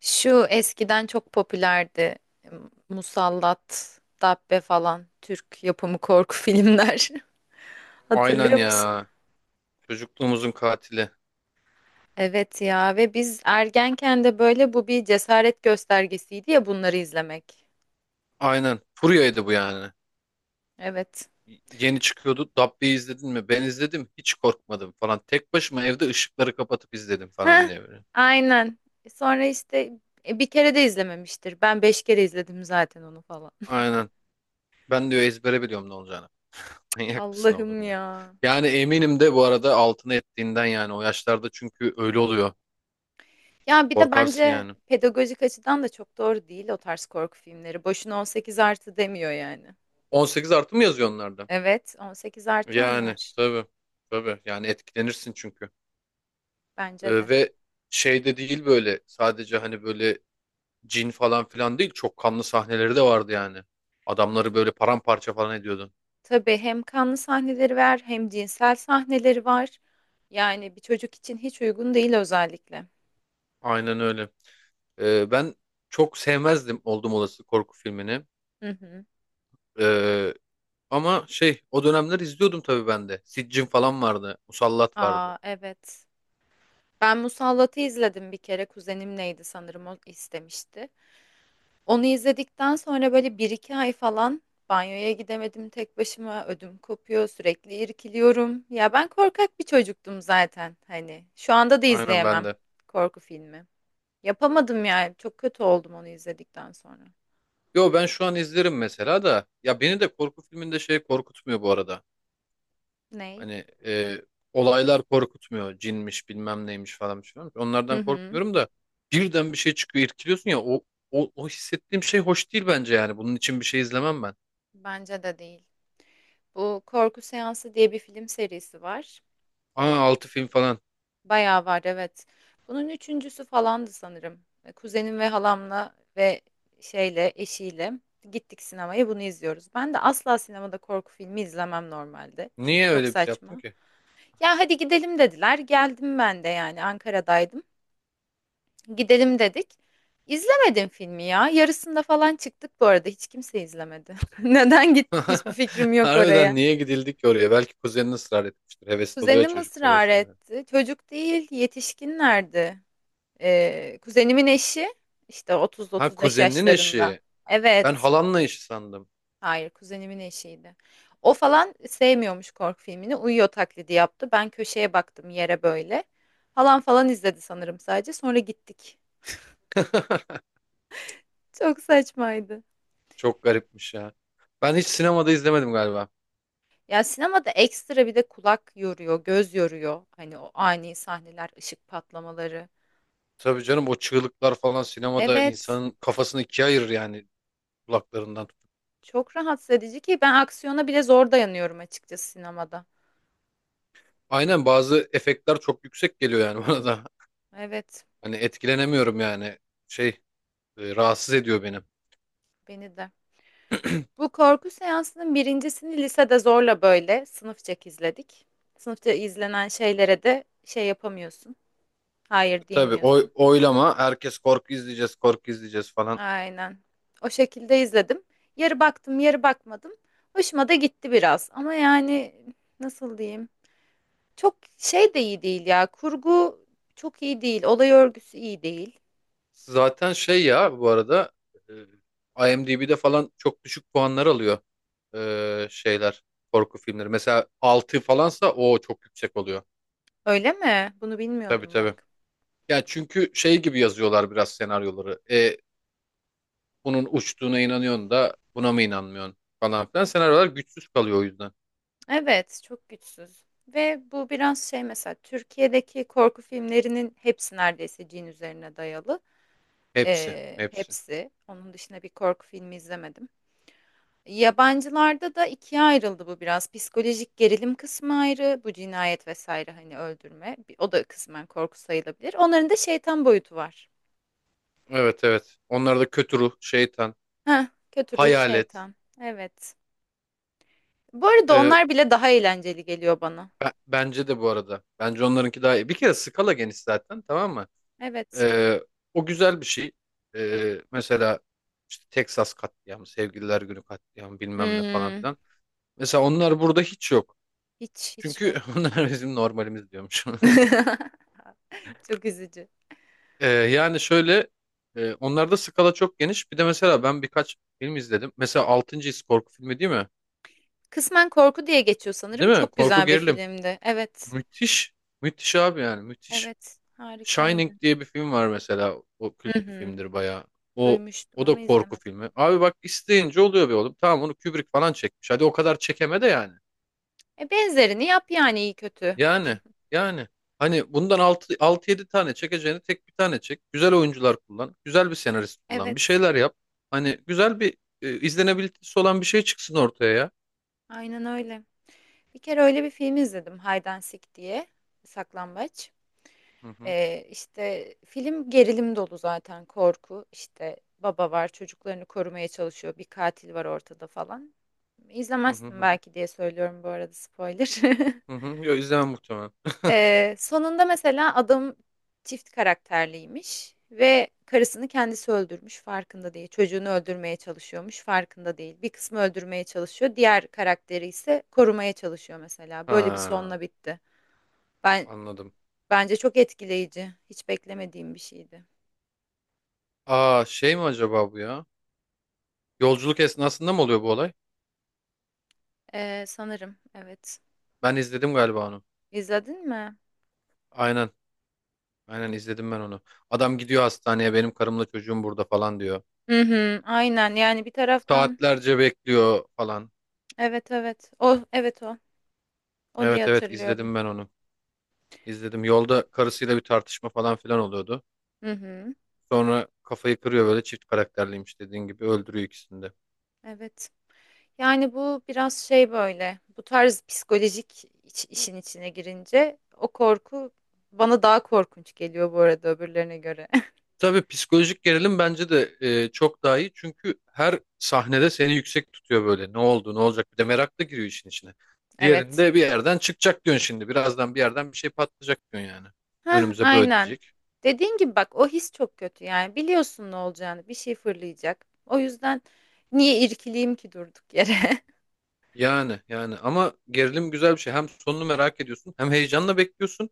Şu eskiden çok popülerdi. Musallat, Dabbe falan Türk yapımı korku filmler. Aynen Hatırlıyor musun? ya. Çocukluğumuzun katili. Evet ya ve biz ergenken de böyle bu bir cesaret göstergesiydi ya bunları izlemek. Aynen. Furya'ydı bu yani. Evet. Yeni çıkıyordu. Dabbe'yi izledin mi? Ben izledim. Hiç korkmadım falan. Tek başıma evde ışıkları kapatıp izledim falan Heh, diye böyle. aynen. Sonra işte bir kere de izlememiştir. Ben beş kere izledim zaten onu falan. Aynen. Ben diyor ezbere biliyorum ne olacağını. Manyak mısın Allah'ım oğlum ya? ya. Yani eminim de bu arada altına ettiğinden yani o yaşlarda çünkü öyle oluyor. Ya bir de Korkarsın bence yani. pedagojik açıdan da çok doğru değil o tarz korku filmleri. Boşuna 18 artı demiyor yani. 18+ mı yazıyor onlarda? Evet, 18 artı Yani onlar tabii. Tabii. Yani etkilenirsin çünkü. bence de. Ve şey de değil böyle sadece hani böyle cin falan filan değil. Çok kanlı sahneleri de vardı yani. Adamları böyle paramparça falan ediyordun. Tabii hem kanlı sahneleri var hem cinsel sahneleri var. Yani bir çocuk için hiç uygun değil özellikle. Aynen öyle. Ben çok sevmezdim oldum olası korku filmini. Hı hı. Ee, Ama şey o dönemler izliyordum tabii ben de. Siccin falan vardı. Musallat vardı. Aa evet. Ben Musallat'ı izledim bir kere. Kuzenim neydi sanırım o istemişti. Onu izledikten sonra böyle bir iki ay falan banyoya gidemedim tek başıma. Ödüm kopuyor, sürekli irkiliyorum. Ya ben korkak bir çocuktum zaten hani. Şu anda da Aynen ben izleyemem de. korku filmi. Yapamadım yani. Çok kötü oldum onu izledikten sonra. Yo, ben şu an izlerim mesela da. Ya beni de korku filminde şey korkutmuyor bu arada. Ney? Hani olaylar korkutmuyor. Cinmiş bilmem neymiş falan bir şey varmış. Hı Onlardan hı. korkmuyorum da birden bir şey çıkıyor irkiliyorsun ya o hissettiğim şey hoş değil bence yani. Bunun için bir şey izlemem ben. Bence de değil. Bu Korku Seansı diye bir film serisi var. Aa, Ee, altı film falan. bayağı var evet. Bunun üçüncüsü falandı sanırım. Kuzenim ve halamla ve şeyle eşiyle gittik sinemaya bunu izliyoruz. Ben de asla sinemada korku filmi izlemem normalde. Çünkü Niye çok öyle bir şey yaptın saçma. ki? Ya hadi gidelim dediler. Geldim ben de yani Ankara'daydım. Gidelim dedik. İzlemedim filmi ya. Yarısında falan çıktık bu arada. Hiç kimse izlemedi. Neden gittik hiçbir fikrim yok Harbiden oraya. niye gidildik ki oraya? Belki kuzenin ısrar etmiştir. Hevesli oluyor Kuzenim çocuklar öyle ısrar şeylere. etti. Çocuk değil, yetişkinlerdi. Kuzenimin eşi işte Ha, 30-35 kuzeninin yaşlarında. eşi. Ben Evet. halanla eşi sandım. Hayır, kuzenimin eşiydi. O falan sevmiyormuş korku filmini. Uyuyor taklidi yaptı. Ben köşeye baktım yere böyle. Halan falan izledi sanırım sadece. Sonra gittik. Çok saçmaydı. Çok garipmiş ya. Ben hiç sinemada izlemedim galiba. Ya sinemada ekstra bir de kulak yoruyor, göz yoruyor. Hani o ani sahneler, ışık patlamaları. Tabii canım, o çığlıklar falan sinemada Evet, insanın kafasını ikiye ayırır yani. Kulaklarından tutup. çok rahatsız edici ki ben aksiyona bile zor dayanıyorum açıkçası sinemada. Aynen, bazı efektler çok yüksek geliyor yani bana da. Evet, Hani etkilenemiyorum yani. Şey, rahatsız ediyor benim. beni de. Bu korku seansının birincisini lisede zorla böyle sınıfçak izledik. Sınıfta izlenen şeylere de şey yapamıyorsun. Hayır Tabii diyemiyorsun. Oylama herkes korku izleyeceğiz korku izleyeceğiz falan. Aynen. O şekilde izledim. Yarı baktım, yarı bakmadım. Hoşuma da gitti biraz. Ama yani nasıl diyeyim? Çok şey de iyi değil ya. Kurgu çok iyi değil. Olay örgüsü iyi değil. Zaten şey ya bu arada, IMDb'de falan çok düşük puanlar alıyor şeyler, korku filmleri. Mesela 6 falansa o çok yüksek oluyor. Öyle mi? Bunu Tabii, bilmiyordum tabii. bak. Yani çünkü şey gibi yazıyorlar biraz senaryoları. Bunun uçtuğuna inanıyorsun da buna mı inanmıyorsun falan filan. Senaryolar güçsüz kalıyor o yüzden. Evet, çok güçsüz. Ve bu biraz şey mesela Türkiye'deki korku filmlerinin hepsi neredeyse cin üzerine dayalı. Hepsi, hepsi. Hepsi. Onun dışında bir korku filmi izlemedim. Yabancılarda da ikiye ayrıldı bu biraz. Psikolojik gerilim kısmı ayrı, bu cinayet vesaire hani öldürme. O da kısmen korku sayılabilir. Onların da şeytan boyutu var. Evet, evet. Onlar da kötü ruh, şeytan, Heh, kötü ruh hayalet. şeytan. Evet. Bu arada Ee, onlar bile daha eğlenceli geliyor bana. Bence de bu arada. Bence onlarınki daha iyi. Bir kere skala geniş zaten, tamam mı? Evet. Ee, O güzel bir şey. Mesela işte Texas katliamı, Sevgililer Günü katliamı bilmem ne falan Hmm, filan. Mesela onlar burada hiç yok. hiç hiç Çünkü yok. onlar bizim normalimiz diyormuş. Çok üzücü. Yani şöyle, onlarda skala çok geniş. Bir de mesela ben birkaç film izledim. Mesela Altıncı His korku filmi değil mi? Kısmen korku diye geçiyor sanırım. Değil mi? Çok Korku güzel bir gerilim. filmdi. Evet. Müthiş. Müthiş abi, yani müthiş. Evet. Shining Harikaydı. diye bir film var mesela. O kült Hı bir hı. filmdir bayağı. O Duymuştum o da ama korku izlemedim. filmi. Abi bak, isteyince oluyor be oğlum. Tamam, onu Kubrick falan çekmiş. Hadi o kadar çekeme de yani. E benzerini yap yani iyi kötü. Yani yani hani bundan altı altı yedi tane çekeceğini tek bir tane çek. Güzel oyuncular kullan. Güzel bir senarist kullan. Bir Evet. şeyler yap. Hani güzel bir, izlenebilitesi olan bir şey çıksın ortaya ya. Aynen öyle. Bir kere öyle bir film izledim. Hide and Seek diye. Saklambaç. Hı hı. İşte, film gerilim dolu zaten, korku. İşte baba var, çocuklarını korumaya çalışıyor, bir katil var ortada falan. Hı hı İzlemezsin hı hı. belki diye söylüyorum bu arada spoiler. Hı hı. Yo, izlemem muhtemelen. Sonunda mesela adam çift karakterliymiş ve karısını kendisi öldürmüş, farkında değil. Çocuğunu öldürmeye çalışıyormuş, farkında değil. Bir kısmı öldürmeye çalışıyor, diğer karakteri ise korumaya çalışıyor mesela. Böyle bir Ha, sonla bitti. Ben anladım. bence çok etkileyici. Hiç beklemediğim bir şeydi. Aa, şey mi acaba bu ya? Yolculuk esnasında mı oluyor bu olay? Sanırım evet. Ben izledim galiba onu. İzledin mi? Aynen. Aynen izledim ben onu. Adam gidiyor hastaneye, benim karımla çocuğum burada falan diyor. Hı hı, aynen yani bir taraftan Saatlerce bekliyor falan. evet evet o evet o o diye Evet, evet, hatırlıyorum. izledim ben onu. İzledim. Yolda karısıyla bir tartışma falan filan oluyordu. Hı hı, Sonra kafayı kırıyor böyle, çift karakterliymiş dediğin gibi, öldürüyor ikisini de. evet. Yani bu biraz şey böyle bu tarz psikolojik işin içine girince o korku bana daha korkunç geliyor bu arada öbürlerine göre. Tabii psikolojik gerilim bence de çok daha iyi. Çünkü her sahnede seni yüksek tutuyor böyle. Ne oldu, ne olacak? Bir de merak da giriyor işin içine. Evet. Diğerinde bir yerden çıkacak diyorsun şimdi. Birazdan bir yerden bir şey patlayacak diyorsun yani. Hah, Önümüze böyle aynen. diyecek. Dediğin gibi bak o his çok kötü yani biliyorsun ne olacağını bir şey fırlayacak. O yüzden niye irkileyim ki durduk yere? Yani ama gerilim güzel bir şey. Hem sonunu merak ediyorsun, hem heyecanla bekliyorsun.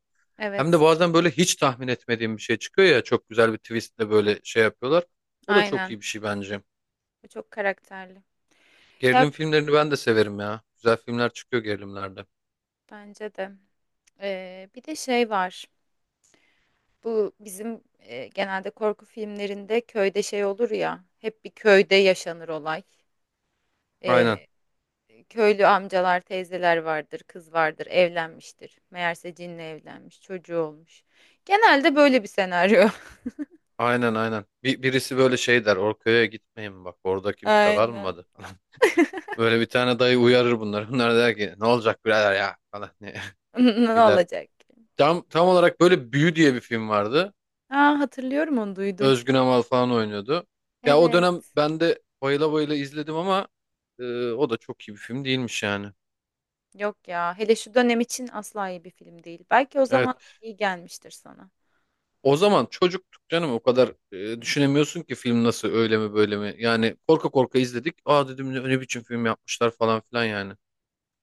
Hem de Evet. bazen böyle hiç tahmin etmediğim bir şey çıkıyor ya, çok güzel bir twistle böyle şey yapıyorlar. O da çok Aynen. iyi bir şey bence. Bu Çok karakterli. Gerilim Ya filmlerini ben de severim ya. Güzel filmler çıkıyor gerilimlerde. bence de. Bir de şey var. Bu bizim genelde korku filmlerinde köyde şey olur ya. Hep bir köyde yaşanır olay. Aynen. Ee, köylü amcalar, teyzeler vardır, kız vardır, evlenmiştir. Meğerse cinle evlenmiş, çocuğu olmuş. Genelde böyle bir senaryo. Aynen, aynen. Birisi böyle şey der, Orköy'e gitmeyin, bak orada kimse Aynen. kalmadı. Böyle bir tane dayı uyarır bunları. Bunlar der ki, ne olacak birader ya falan diye Ne gider. olacak? Ki? Tam olarak böyle Büyü diye bir film vardı. Aa, hatırlıyorum onu duydum. Özgün Amal falan oynuyordu. Ya o dönem Evet. ben de bayıla bayıla izledim ama e, o da çok iyi bir film değilmiş yani. Yok ya. Hele şu dönem için asla iyi bir film değil. Belki o zaman Evet. iyi gelmiştir sana. O zaman çocuktuk canım, o kadar düşünemiyorsun ki film nasıl, öyle mi böyle mi. Yani korka korka izledik. Aa dedim, ne biçim film yapmışlar falan filan yani.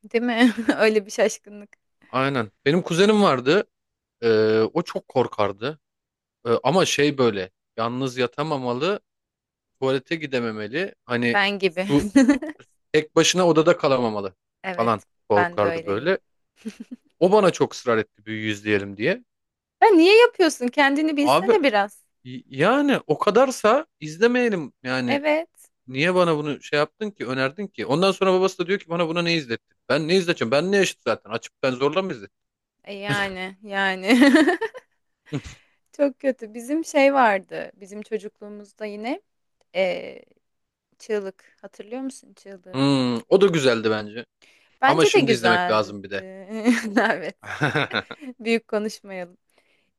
Değil mi? Öyle bir şaşkınlık. Aynen. Benim kuzenim vardı. O çok korkardı. Ama şey böyle, yalnız yatamamalı, tuvalete gidememeli. Hani Ben gibi. su, tek başına odada kalamamalı Evet, falan, ben de korkardı öyleyim. böyle. O bana çok ısrar etti, büyüyüz diyelim diye. Ya niye yapıyorsun? Kendini Abi, bilsene biraz. Yani o kadarsa izlemeyelim yani. Evet. Niye bana bunu şey yaptın ki, önerdin ki? Ondan sonra babası da diyor ki, bana buna ne izlettin? Ben ne izleteceğim? Ben ne yaşıt zaten? Açıp ben zorla mı izlettim? E yani, yani. Çok kötü. Bizim şey vardı. Bizim çocukluğumuzda yine e, çığlık. Hatırlıyor musun çığlığı? Hmm, o da güzeldi bence. Ama Bence de şimdi izlemek güzeldi. lazım bir de. Evet. Büyük konuşmayalım.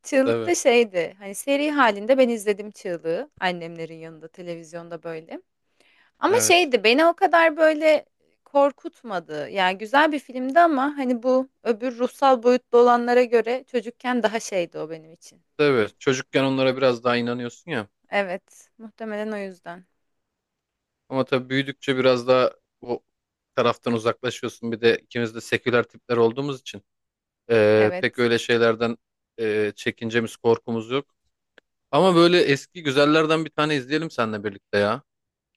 Çığlık Tabii, da şeydi. Hani seri halinde ben izledim çığlığı. Annemlerin yanında televizyonda böyle. Ama evet. şeydi beni o kadar böyle korkutmadı. Yani güzel bir filmdi ama hani bu öbür ruhsal boyutlu olanlara göre çocukken daha şeydi o benim için. Tabii, çocukken onlara biraz daha inanıyorsun ya. Evet, muhtemelen o yüzden. Ama tabii büyüdükçe biraz daha o taraftan uzaklaşıyorsun. Bir de ikimiz de seküler tipler olduğumuz için pek Evet. öyle şeylerden çekincemiz, korkumuz yok. Ama böyle eski güzellerden bir tane izleyelim seninle birlikte ya.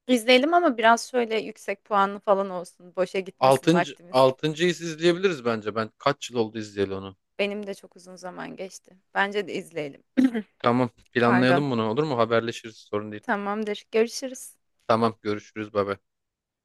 İzleyelim ama biraz şöyle yüksek puanlı falan olsun. Boşa gitmesin vaktimiz. Altıncıyı izleyebiliriz bence. Ben kaç yıl oldu izleyeli onu. Benim de çok uzun zaman geçti. Bence de izleyelim. Tamam, Pardon. planlayalım bunu, olur mu? Haberleşiriz, sorun değil. Tamamdır. Görüşürüz. Tamam, görüşürüz baba.